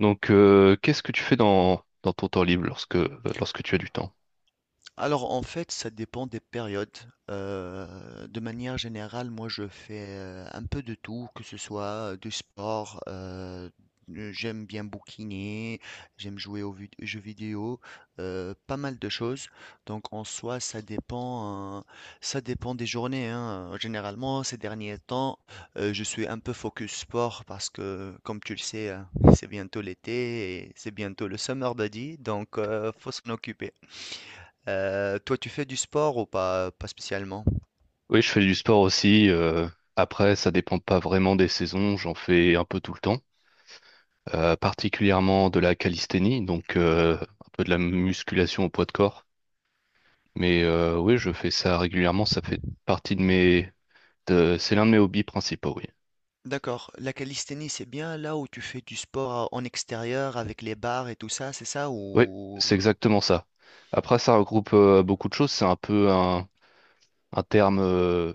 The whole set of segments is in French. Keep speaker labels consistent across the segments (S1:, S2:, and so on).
S1: Donc, qu'est-ce que tu fais dans ton temps libre lorsque, lorsque tu as du temps?
S2: Alors en fait, ça dépend des périodes. De manière générale, moi je fais un peu de tout, que ce soit du sport, j'aime bien bouquiner, j'aime jouer aux jeux vidéo, pas mal de choses. Donc en soi, ça dépend des journées, hein. Généralement, ces derniers temps, je suis un peu focus sport parce que, comme tu le sais, hein, c'est bientôt l'été et c'est bientôt le summer body, donc faut s'en occuper. Toi, tu fais du sport ou pas, pas spécialement?
S1: Oui, je fais du sport aussi. Après, ça dépend pas vraiment des saisons. J'en fais un peu tout le temps, particulièrement de la calisthénie, donc un peu de la musculation au poids de corps. Mais oui, je fais ça régulièrement, ça fait partie de mes. C'est l'un de mes hobbies principaux, oui.
S2: D'accord. La calisthénie, c'est bien là où tu fais du sport en extérieur avec les barres et tout ça, c'est ça?
S1: Oui,
S2: Ou
S1: c'est exactement ça. Après, ça regroupe beaucoup de choses, c'est un peu un terme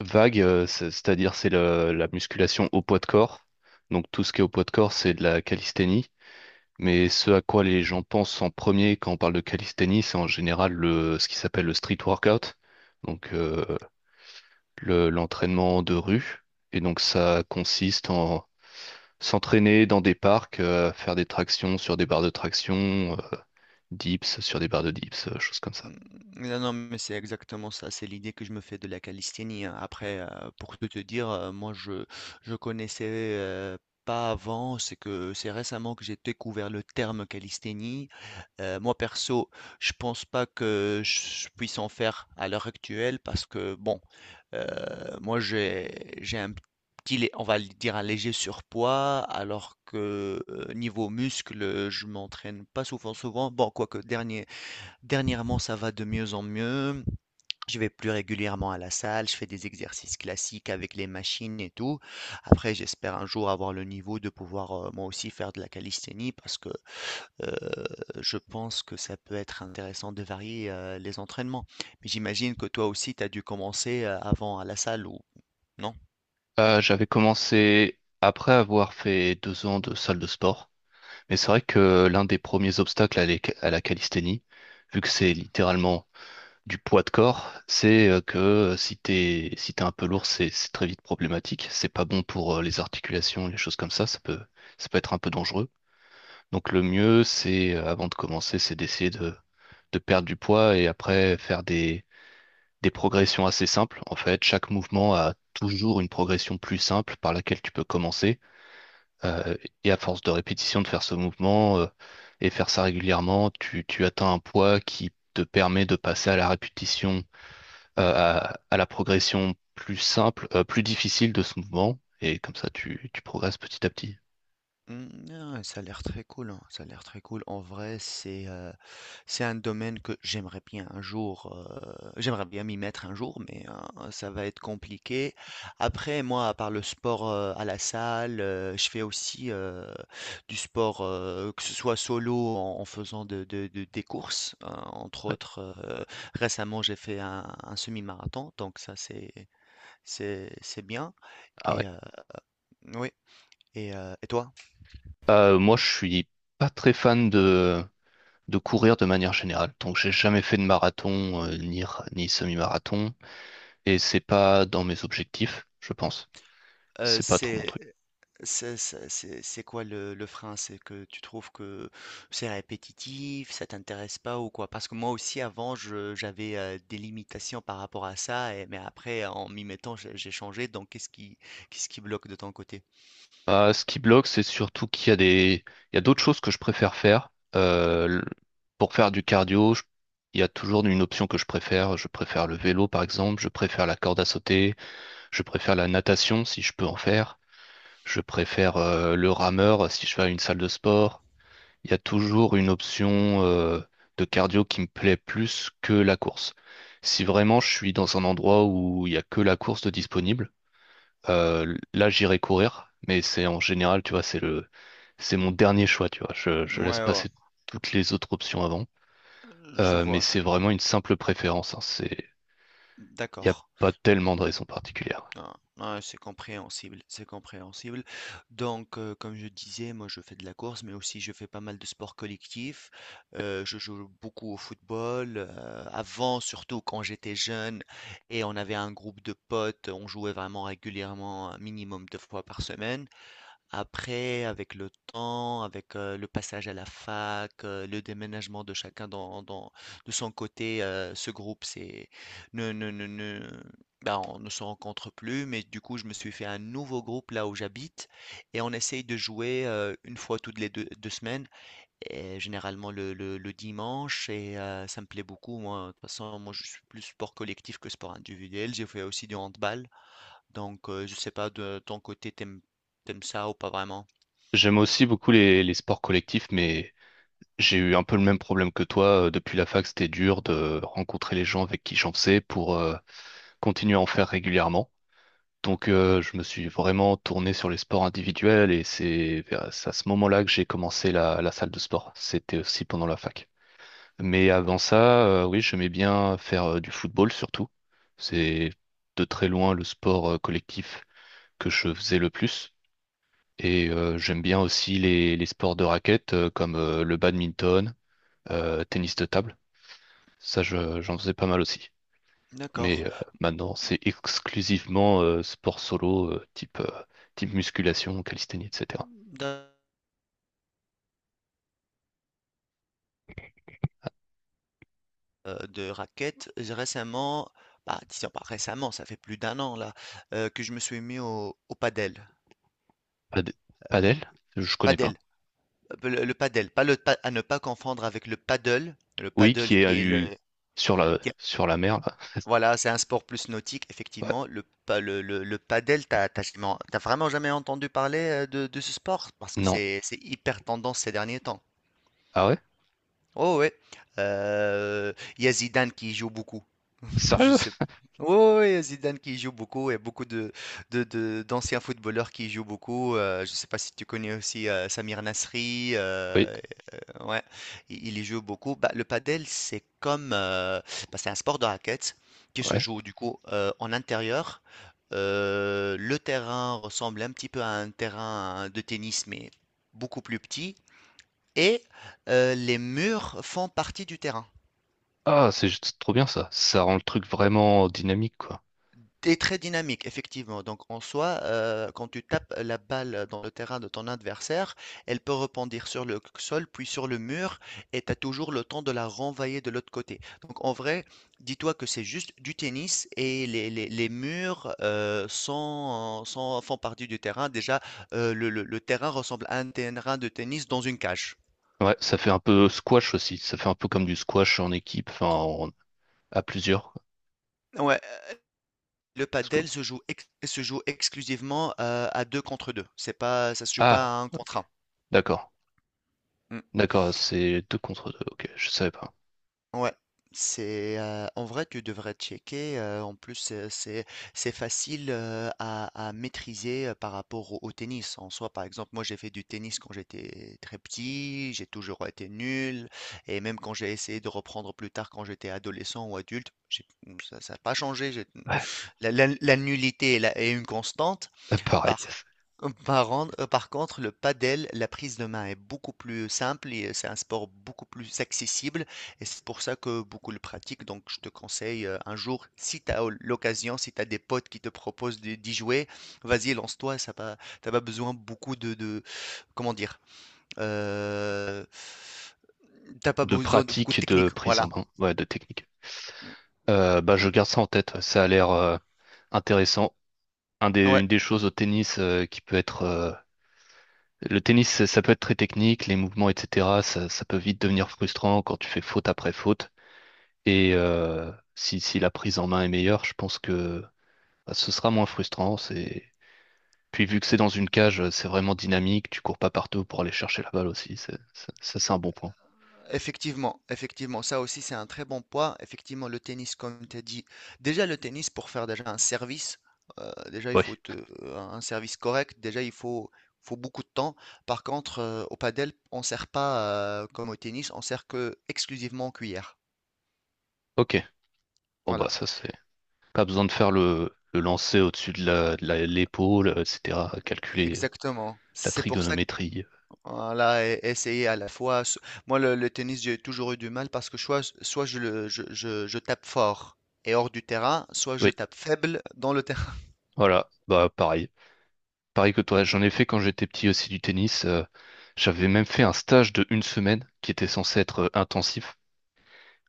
S1: vague, c'est-à-dire c'est la musculation au poids de corps. Donc tout ce qui est au poids de corps, c'est de la calisthénie. Mais ce à quoi les gens pensent en premier quand on parle de calisthénie, c'est en général ce qui s'appelle le street workout, donc l'entraînement de rue. Et donc ça consiste en s'entraîner dans des parcs, faire des tractions sur des barres de traction, dips sur des barres de dips, choses comme
S2: mmh,
S1: ça.
S2: mmh, non, non, mais c'est exactement ça, c'est l'idée que je me fais de la calisthénie, hein. Après, pour tout te dire, moi je connaissais, heu, pas avant, c'est que c'est récemment que j'ai découvert le terme calisthénie. Moi perso, je pense pas que je puisse en faire à l'heure actuelle parce que bon, heu, moi j'ai un petit lé on va le dire un léger surpoids alors que, niveau muscles, je m'entraîne pas souvent souvent. Bon quoique dernier Dernièrement, ça va de mieux en mieux. Je vais plus régulièrement à la salle, je fais des exercices classiques avec les machines et tout. Après, j'espère un jour avoir le niveau de pouvoir moi aussi faire de la calisthénie parce que euh, je pense que ça peut être intéressant de varier les entraînements. Mais j'imagine que toi aussi, tu as dû commencer avant à la salle ou non?
S1: J'avais commencé après avoir fait 2 ans de salle de sport, mais c'est vrai que l'un des premiers obstacles à la calisthénie, vu que c'est littéralement du poids de corps, c'est que si t'es un peu lourd, c'est très vite problématique. C'est pas bon pour les articulations, les choses comme ça. Ça peut être un peu dangereux. Donc le mieux, c'est avant de commencer, c'est d'essayer de perdre du poids et après faire des progressions assez simples. En fait, chaque mouvement a toujours une progression plus simple par laquelle tu peux commencer. Euh, et à force de répétition de faire ce mouvement et faire ça régulièrement, tu atteins un poids qui te permet de passer à la répétition à la progression plus simple, plus difficile de ce mouvement, et comme ça tu progresses petit à petit.
S2: Hmm, ah, ça a l'air très cool, hein. Ça a l'air très cool. En vrai, c'est un domaine que j'aimerais bien un jour, j'aimerais bien m'y mettre un jour, mais ça va être compliqué. Après moi, à part le sport, à la salle, je fais aussi, du sport, que ce soit solo en en faisant de des courses, entre
S1: Ouais.
S2: autres, récemment j'ai fait un semi-marathon, donc ça c'est bien
S1: Ah ouais.
S2: et oui et toi?
S1: Moi, je suis pas très fan de courir de manière générale. Donc j'ai jamais fait de marathon ni semi-marathon et c'est pas dans mes objectifs, je pense.
S2: Heu,
S1: C'est pas trop mon
S2: c'est
S1: truc.
S2: C'est quoi le frein? C'est que tu trouves que c'est répétitif, ça t'intéresse pas ou quoi? Parce que moi aussi avant j'avais des limitations par rapport à ça, mais après en m'y mettant j'ai changé. Donc qu'est-ce qui bloque de ton côté?
S1: Ah, ce qui bloque, c'est surtout qu'il y a des, il y a d'autres choses que je préfère faire. Euh, le- pour faire du cardio, il y a toujours une option que je préfère. Je préfère le vélo, par exemple. Je préfère la corde à sauter. Je préfère la natation si je peux en faire. Je préfère le rameur si je vais à une salle de sport. Il y a toujours une option de cardio qui me plaît plus que la course. Si vraiment je suis dans un endroit où il y a que la course de disponible, là j'irai courir, mais c'est en général, tu vois, c'est mon dernier choix, tu vois. Je laisse
S2: Ouais, ouais,
S1: passer toutes les autres options avant.
S2: je
S1: Mais
S2: vois.
S1: c'est vraiment une simple préférence, hein. C'est Il n'y
S2: D'accord.
S1: a pas tellement de raison particulière.
S2: Non, non, c'est compréhensible, c'est compréhensible. Donc, comme je disais, moi je fais de la course, mais aussi je fais pas mal de sports collectifs. Je joue beaucoup au football. Avant, surtout quand j'étais jeune et on avait un groupe de potes, on jouait vraiment régulièrement, un minimum 2 fois par semaine. Après, avec le temps, avec le passage à la fac, le déménagement de chacun de son côté, ce groupe, c'est, ne, ne, ne, ne- ben, on ne se rencontre plus. Mais du coup, je me suis fait un nouveau groupe là où j'habite et on essaye de jouer une fois toutes les deux semaines, et généralement le dimanche. Et ça me plaît beaucoup. Moi, de toute façon, moi, je suis plus sport collectif que sport individuel. J'ai fait aussi du handball. Donc, je sais pas de ton côté, t'aimes ça ou pas vraiment?
S1: J'aime aussi beaucoup les sports collectifs, mais j'ai eu un peu le même problème que toi. Depuis la fac, c'était dur de rencontrer les gens avec qui j'en faisais continue à en faire régulièrement. Donc, je me suis vraiment tourné sur les sports individuels et c'est à ce moment-là que j'ai commencé la salle de sport. C'était aussi pendant la fac. Mais avant ça, oui, j'aimais bien faire du football surtout. C'est de très loin le sport collectif que je faisais le plus. Et j'aime bien aussi les sports de raquettes comme le badminton, tennis de table. Ça, j'en faisais pas mal aussi.
S2: D'accord.
S1: Mais maintenant, c'est exclusivement sport solo, type musculation, calisthénie, etc.
S2: D'un De raquettes, j'ai récemment, bah, disons pas récemment, ça fait plus d'un an là, que je me suis mis au padel.
S1: Pad- Padel, je connais
S2: Padel,
S1: pas.
S2: le padel, pas le pa, à ne pas confondre avec le paddle. Le
S1: Oui,
S2: paddle
S1: qui est
S2: qui est
S1: du
S2: qui est
S1: sur la mer là.
S2: voilà, c'est un sport plus nautique
S1: Ouais.
S2: effectivement. Le pa le padel, t'as as tu as vraiment jamais entendu parler, de ce sport? Parce que
S1: Non.
S2: c'est hyper tendance ces derniers temps.
S1: Ah ouais?
S2: Oh ouais, il y a Zidane qui y joue beaucoup. Je
S1: Sérieux?
S2: sais. Oui, Zidane qui joue beaucoup et beaucoup d'anciens footballeurs qui jouent beaucoup. Je ne sais pas si tu connais aussi Samir Nasri.
S1: Oui.
S2: Ouais, il y joue beaucoup. Bah, le padel, c'est comme, bah, c'est un sport de raquette qui se
S1: Ouais.
S2: joue du coup en intérieur. Le terrain ressemble un petit peu à un terrain de tennis, mais beaucoup plus petit. Et les murs font partie du terrain.
S1: Ah, c'est juste trop bien ça. Ça rend le truc vraiment dynamique, quoi.
S2: Tu Très dynamique, effectivement. Donc, en soi, quand tu tapes la balle dans le terrain de ton adversaire, elle peut rebondir sur le sol, puis sur le mur, et tu as toujours le temps de la renvoyer de l'autre côté. Donc, en vrai, dis-toi que c'est juste du tennis et les murs font partie du terrain. Déjà, le terrain ressemble à un terrain de tennis dans une cage.
S1: Ouais, ça fait un peu squash aussi. Ça fait un peu comme du squash en équipe, enfin à plusieurs, quoi.
S2: Ouais, le
S1: Let's go.
S2: padel se joue exclusivement à deux contre deux. C'est pas, ça se joue
S1: Ah,
S2: pas à un
S1: ok.
S2: contre
S1: D'accord.
S2: un.
S1: D'accord, c'est deux contre deux. Ok, je savais pas.
S2: Ouais, c'est en vrai tu devrais checker. En plus c'est facile à maîtriser par rapport au tennis en soi. Par exemple, moi j'ai fait du tennis quand j'étais très petit, j'ai toujours été nul et même quand j'ai essayé de reprendre plus tard quand j'étais adolescent ou adulte, ça n'a pas changé.
S1: Ouais,
S2: La, la nullité est une constante.
S1: pareil.
S2: Par par contre, le padel, la prise de main est beaucoup plus simple et c'est un sport beaucoup plus accessible et c'est pour ça que beaucoup le pratiquent. Donc, je te conseille un jour, si tu as l'occasion, si tu as des potes qui te proposent d'y jouer, vas-y, lance-toi. Ça pas, t'as pas besoin beaucoup comment dire, euh, t'as pas
S1: De
S2: besoin de beaucoup de
S1: pratique, de
S2: technique.
S1: prise en
S2: Voilà.
S1: main, ouais, de technique. Bah, je garde ça en tête. Ça a l'air intéressant.
S2: Ouais.
S1: Une des choses au tennis qui peut être. Le tennis, ça peut être très technique, les mouvements, etc. Ça peut vite devenir frustrant quand tu fais faute après faute. Et si la prise en main est meilleure, je pense que bah, ce sera moins frustrant. C'est... Puis vu que c'est dans une cage, c'est vraiment dynamique. Tu cours pas partout pour aller chercher la balle aussi. C'est un bon point.
S2: Effectivement, effectivement, ça aussi c'est un très bon point. Effectivement, le tennis, comme tu as dit, déjà le tennis pour faire déjà un service, déjà il
S1: Oui,
S2: un service correct, déjà il faut, faut beaucoup de temps. Par contre, au padel, on sert pas comme au tennis, on sert que exclusivement en cuillère.
S1: ok. Bon,
S2: Voilà,
S1: bah, ça, c'est. Pas besoin de faire le lancer au-dessus de l'épaule, etc. Calculer
S2: exactement.
S1: la
S2: C'est pour ça que
S1: trigonométrie.
S2: voilà, essayer à la fois. Moi, le tennis, j'ai toujours eu du mal parce que soit je, le- je tape fort et hors du terrain, soit je
S1: Oui,
S2: tape faible dans le terrain.
S1: voilà, bah pareil. Pareil que toi, j'en ai fait quand j'étais petit aussi du tennis. J'avais même fait un stage de une semaine qui était censé être intensif.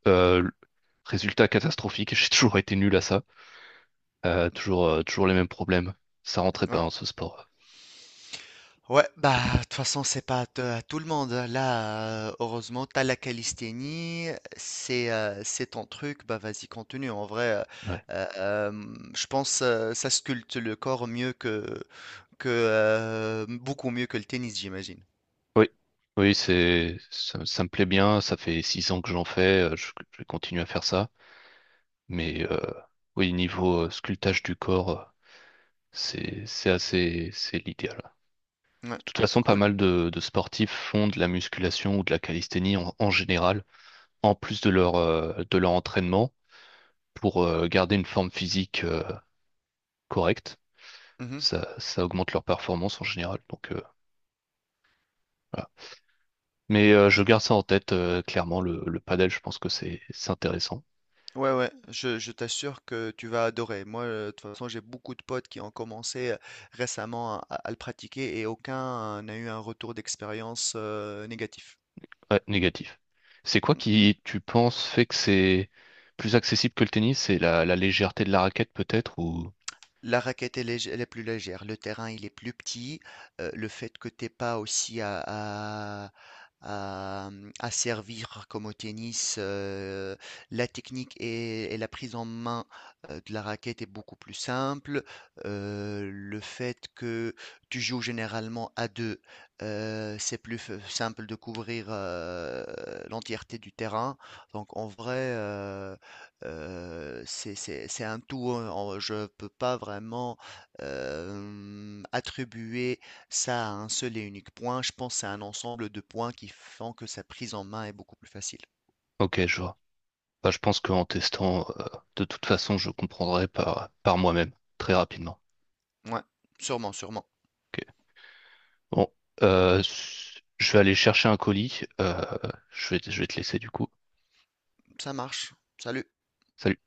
S1: Euh, Résultat catastrophique, j'ai toujours été nul à ça. Toujours les mêmes problèmes. Ça rentrait pas
S2: Ouais.
S1: dans ce sport.
S2: Ouais, bah, de toute façon, c'est pas à à tout le monde, hein. Là, heureusement, t'as la calisthénie, c'est ton truc, bah vas-y, continue. En vrai,
S1: Ouais.
S2: euh, euh, je pense ça sculpte le corps mieux que beaucoup mieux que le tennis, j'imagine.
S1: Oui, oui, ça me plaît bien. Ça fait 6 ans que j'en fais. Je continue à faire ça. Mais oui, niveau sculptage du corps, c'est l'idéal.
S2: Ouais,
S1: De toute façon, pas
S2: cool.
S1: mal de sportifs font de la musculation ou de la calisthénie en général. En plus de de leur entraînement pour garder une forme physique correcte.
S2: Mhm.
S1: Ça augmente leur performance en général. Donc, voilà. Mais je garde ça en tête, clairement, le padel, je pense que c'est intéressant.
S2: Ouais, ouais, je t'assure que tu vas adorer. Moi, de toute façon, j'ai beaucoup de potes qui ont commencé récemment le pratiquer et aucun n'a eu un retour d'expérience négatif.
S1: Ouais, négatif. C'est quoi qui, tu penses, fait que c'est plus accessible que le tennis? C'est la légèreté de la raquette peut-être ou...
S2: La raquette elle est plus légère, le terrain il est plus petit, le fait que tu aies pas aussi à servir comme au tennis, la technique et la prise en main, de la raquette est beaucoup plus simple. Le fait que tu joues généralement à 2, c'est plus f simple de couvrir, l'entièreté du terrain. Donc en vrai, c'est, c'est un tout, hein. Je ne peux pas vraiment attribuer ça à un seul et unique point. Je pense que c'est un ensemble de points qui font que sa prise en main est beaucoup plus facile.
S1: Ok, je vois. Bah, je pense qu'en testant, de toute façon, je comprendrai par moi-même, très rapidement.
S2: Ouais, sûrement, sûrement.
S1: Ok. Bon, je vais aller chercher un colis. Je vais te laisser du coup.
S2: Ça marche. Salut.
S1: Salut.